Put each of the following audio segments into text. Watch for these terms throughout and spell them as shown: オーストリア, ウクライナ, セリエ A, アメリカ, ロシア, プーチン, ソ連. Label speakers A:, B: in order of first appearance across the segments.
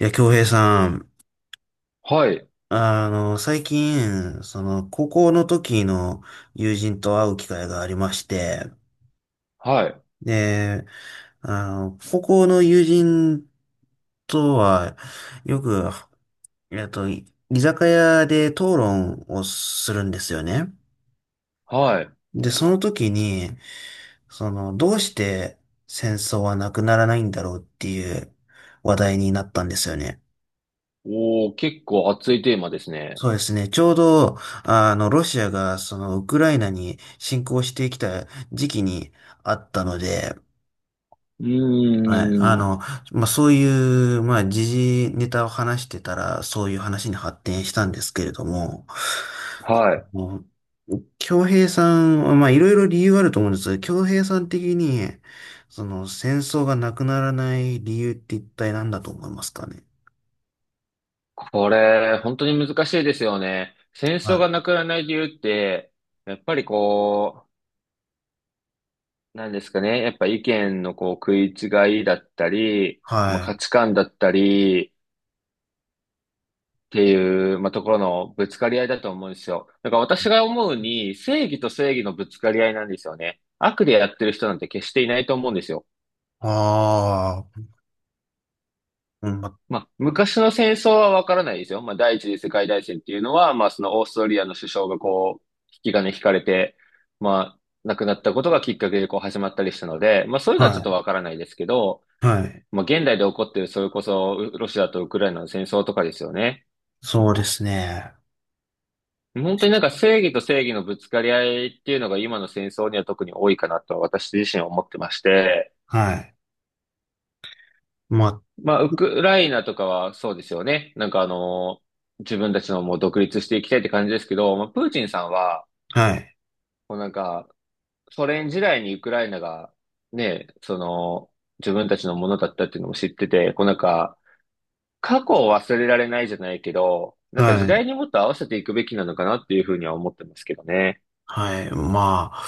A: いや、京平さん、
B: はい、
A: 最近、高校の時の友人と会う機会がありまして、
B: はい、
A: で、あの、高校の友人とは、よく、えっと、い居酒屋で討論をするんですよね。
B: はい。
A: で、その時に、どうして戦争はなくならないんだろうっていう話題になったんですよね。
B: おー、結構熱いテーマですね。
A: そうですね。ちょうど、ロシアが、ウクライナに侵攻してきた時期にあったので、
B: うー
A: はい。あ
B: ん、
A: の、まあ、そういう、まあ、時事ネタを話してたら、そういう話に発展したんですけれども、
B: はい。
A: もう、京平さんは、まあ、いろいろ理由あると思うんですけど、京平さん的に、戦争がなくならない理由って一体何だと思いますかね。
B: これ、本当に難しいですよね。戦
A: は
B: 争
A: い。
B: がなくならない理由って、やっぱりこう、なんですかね。やっぱ意見のこう食い違いだったり、まあ、
A: は
B: 価
A: い。
B: 値観だったりっていう、まあ、ところのぶつかり合いだと思うんですよ。だから私が思うに、正義と正義のぶつかり合いなんですよね。悪でやってる人なんて決していないと思うんですよ。
A: ああ、うん、ま
B: まあ、昔の戦争はわからないですよ。まあ、第一次世界大戦っていうのは、まあ、そのオーストリアの首相がこう、引き金引かれて、まあ、亡くなったことがきっかけでこう始まったりしたので、まあ、そういうのはち
A: は
B: ょっと
A: い。
B: わからないですけど、
A: はい。
B: まあ、現代で起こってる、それこそ、ロシアとウクライナの戦争とかですよね。
A: そうですね。
B: 本当になんか正義と正義のぶつかり合いっていうのが今の戦争には特に多いかなと私自身は思ってまして、
A: はい。まあ、
B: まあ、ウクライナとかはそうですよね。なんかあの、自分たちのもう独立していきたいって感じですけど、まあ、プーチンさんは、
A: はい。
B: もうなんか、ソ連時代にウクライナが、ね、その、自分たちのものだったっていうのも知ってて、こうなんか、過去を忘れられないじゃないけど、なんか時
A: はい。
B: 代にもっと合わせていくべきなのかなっていうふうには思ってますけどね。
A: はい。まあ、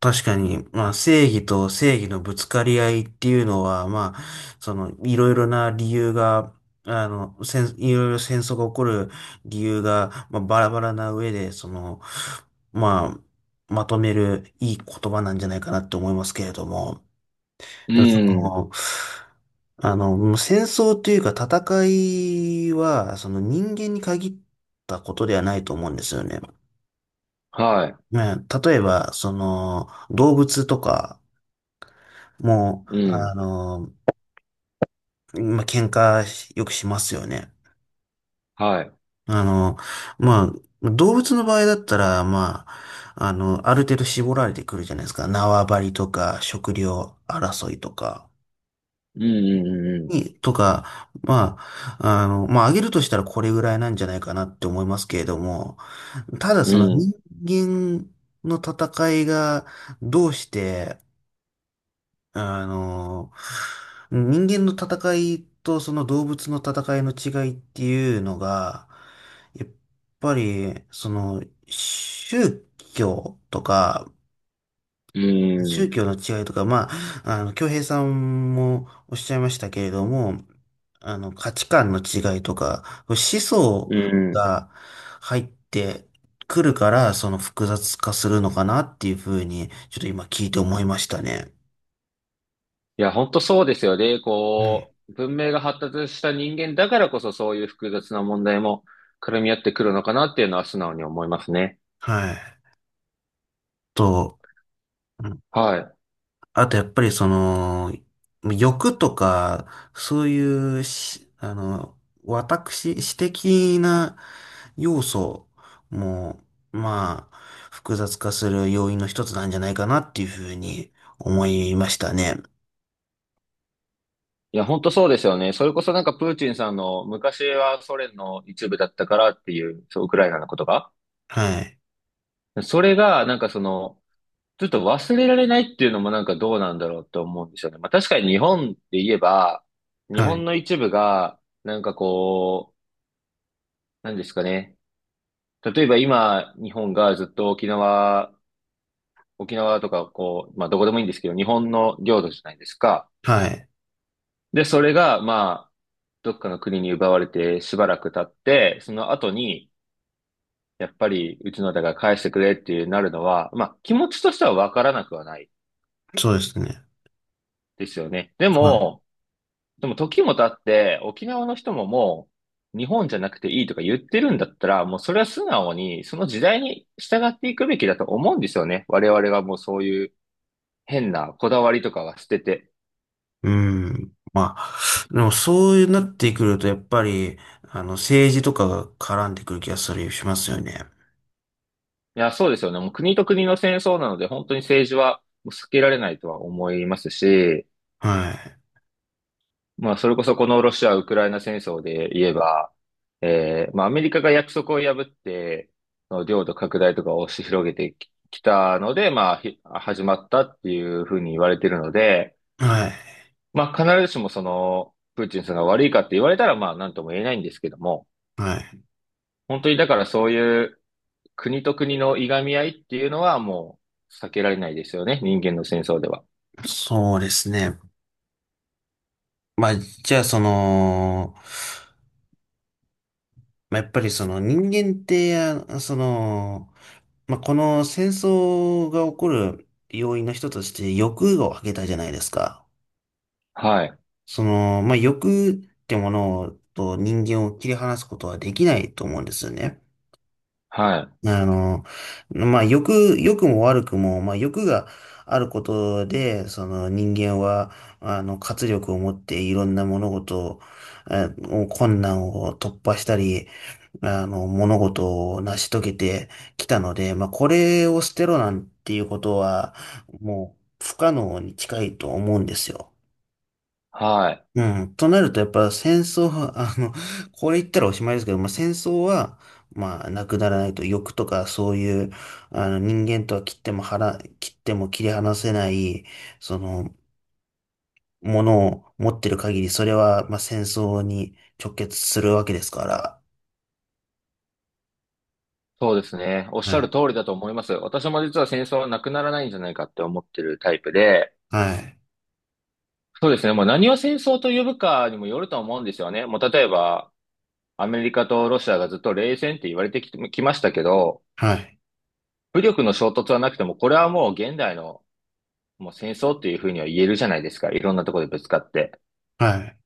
A: 確かに、まあ、正義と正義のぶつかり合いっていうのは、まあ、いろいろな理由が、いろいろ戦争が起こる理由が、まあ、バラバラな上で、ままとめるいい言葉なんじゃないかなって思いますけれども。
B: う
A: でもそ
B: ん。
A: の、もう戦争というか戦いは、その人間に限ったことではないと思うんですよね。
B: は
A: まあ、例えば、動物とかも、
B: い。うん。
A: 喧嘩よくしますよね。
B: はい。
A: あの、ま動物の場合だったら、ある程度絞られてくるじゃないですか。縄張りとか、食料争いとか。
B: うん、うん、
A: に、とか、まあ、あの、まあ、上げるとしたらこれぐらいなんじゃないかなって思いますけれども、ただ
B: う
A: その
B: ん、
A: 人間の戦いがどうして、あの、人間の戦いとその動物の戦いの違いっていうのが、やっぱり、宗教とか、
B: うん。う
A: 宗教
B: ん、
A: の違いとか、京平さんもおっしゃいましたけれども、価値観の違いとか、思想
B: うん、うん。
A: が入ってくるから、その複雑化するのかなっていうふうに、ちょっと今聞いて思いましたね。
B: いや、本当そうですよね。
A: うん。
B: こう、文明が発達した人間だからこそそういう複雑な問題も絡み合ってくるのかなっていうのは素直に思いますね。
A: はい。と、うん
B: はい。
A: あとやっぱりその、欲とか、そういうし、あの、私的な要素も、まあ、複雑化する要因の一つなんじゃないかなっていうふうに思いましたね。
B: いや、本当そうですよね。それこそなんかプーチンさんの昔はソ連の一部だったからっていう、そう、ウクライナのことが。
A: はい。
B: それがなんかその、ちょっと忘れられないっていうのもなんかどうなんだろうと思うんですよね。まあ確かに日本で言えば、日
A: は
B: 本
A: い。
B: の一部が、なんかこう、何ですかね。例えば今、日本がずっと沖縄とか、こう、まあ、どこでもいいんですけど、日本の領土じゃないですか。
A: はい。
B: で、それが、まあ、どっかの国に奪われてしばらく経って、その後に、やっぱり、うちのだから返してくれっていうなるのは、まあ、気持ちとしてはわからなくはない
A: そうですね。
B: ですよね。で
A: はい。
B: も、でも時も経って、沖縄の人ももう、日本じゃなくていいとか言ってるんだったら、もうそれは素直に、その時代に従っていくべきだと思うんですよね。我々がもうそういう、変なこだわりとかは捨てて。
A: うん。まあ、でもそういうなってくると、やっぱり、政治とかが絡んでくる気がする、しますよね。
B: いや、そうですよね。もう国と国の戦争なので、本当に政治は避けられないとは思いますし、
A: はい。
B: まあ、それこそこのロシア・ウクライナ戦争で言えば、まあ、アメリカが約束を破って、その領土拡大とかを押し広げてきたので、まあ、始まったっていうふうに言われてるので、
A: はい。
B: まあ、必ずしもその、プーチンさんが悪いかって言われたら、まあ、なんとも言えないんですけども、
A: はい。
B: 本当にだからそういう、国と国のいがみ合いっていうのはもう避けられないですよね。人間の戦争では。
A: そうですね。まあ、じゃあ、その、まあ、やっぱりその人間って、この戦争が起こる要因の一つとして欲を挙げたじゃないですか。
B: はい。
A: 欲ってものと人間を切り離すことはできないと思うんですよね。
B: はい。
A: あの、欲も悪くも、まあ、欲があることで、その人間は、活力を持っていろんな物事を、困難を突破したり、物事を成し遂げてきたので、まあ、これを捨てろなんていうことは、もう不可能に近いと思うんですよ。
B: はい。
A: うん。となると、やっぱ戦争は、これ言ったらおしまいですけど、まあ、戦争は、まあ、なくならないと、欲とかそういう、あの、人間とは切っても切り離せない、その、ものを持ってる限り、それは、まあ、戦争に直結するわけですから。
B: そうですね。おっし
A: は
B: ゃる
A: い。
B: 通りだと思います。私も実は戦争はなくならないんじゃないかって思ってるタイプで、
A: はい。
B: そうですね。もう何を戦争と呼ぶかにもよると思うんですよね。もう例えば、アメリカとロシアがずっと冷戦って言われてきましたけど、
A: はい。
B: 武力の衝突はなくても、これはもう現代のもう戦争っていうふうには言えるじゃないですか。いろんなところでぶつかって。
A: はい。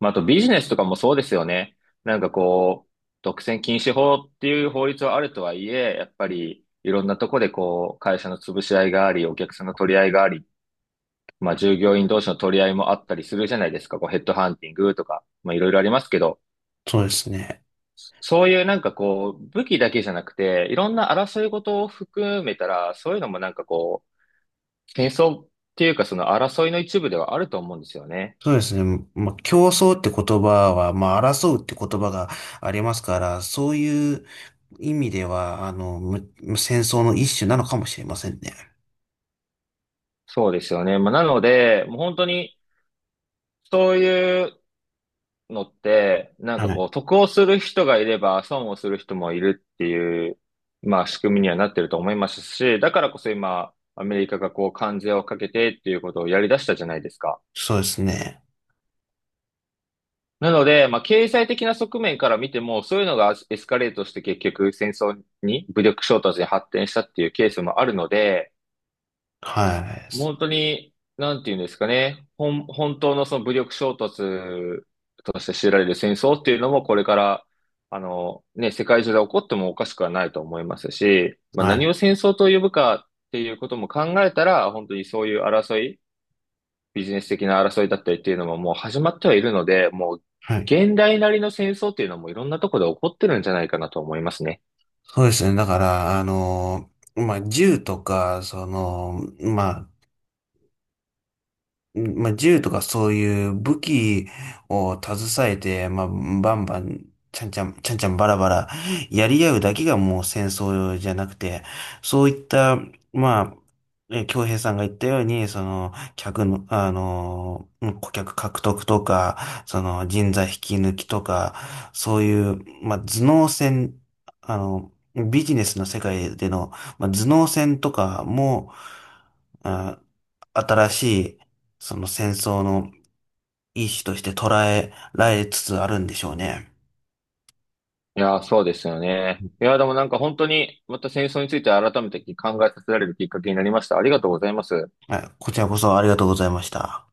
B: まあ、あとビジネスとかもそうですよね。なんかこう、独占禁止法っていう法律はあるとはいえ、やっぱりいろんなとこでこう、会社の潰し合いがあり、お客さんの取り合いがあり、まあ従業員同士の取り合いもあったりするじゃないですか。こうヘッドハンティングとか、まあいろいろありますけど、
A: そうですね。
B: そういうなんかこう、武器だけじゃなくて、いろんな争い事を含めたら、そういうのもなんかこう、戦争っていうかその争いの一部ではあると思うんですよね。
A: そうですね。まあ、競争って言葉は、まあ、争うって言葉がありますから、そういう意味では、戦争の一種なのかもしれませんね。
B: そうですよね。まあなので、もう本当に、そういうのって、なん
A: は
B: かこ
A: い。
B: う、得をする人がいれば、損をする人もいるっていう、まあ仕組みにはなってると思いますし、だからこそ今、アメリカがこう、関税をかけてっていうことをやり出したじゃないですか。
A: そうですね。
B: なので、まあ経済的な側面から見ても、そういうのがエスカレートして結局戦争に、武力衝突に発展したっていうケースもあるので、
A: はい。
B: 本当に、なんていうんですかね。本当のその武力衝突として知られる戦争っていうのもこれから、あの、ね、世界中で起こってもおかしくはないと思いますし、まあ
A: は
B: 何
A: い。
B: を戦争と呼ぶかっていうことも考えたら、本当にそういう争い、ビジネス的な争いだったりっていうのももう始まってはいるので、もう
A: はい。
B: 現代なりの戦争っていうのもいろんなところで起こってるんじゃないかなと思いますね。
A: そうですね。だから、あの、まあ、銃とか、その、まあ、うんまあ、銃とかそういう武器を携えて、まあ、バンバン、ちゃんちゃんバラバラ、やり合うだけがもう戦争じゃなくて、そういった、まあ、京平さんが言ったように、その、客の、あの、顧客獲得とか、人材引き抜きとか、そういう、まあ、頭脳戦、あの、ビジネスの世界での、まあ、頭脳戦とかも、あ新しい、その戦争の一種として捉えられつつあるんでしょうね。
B: いやー、そうですよね。いやー、でもなんか本当にまた戦争について改めて考えさせられるきっかけになりました。ありがとうございます。
A: はい、こちらこそありがとうございました。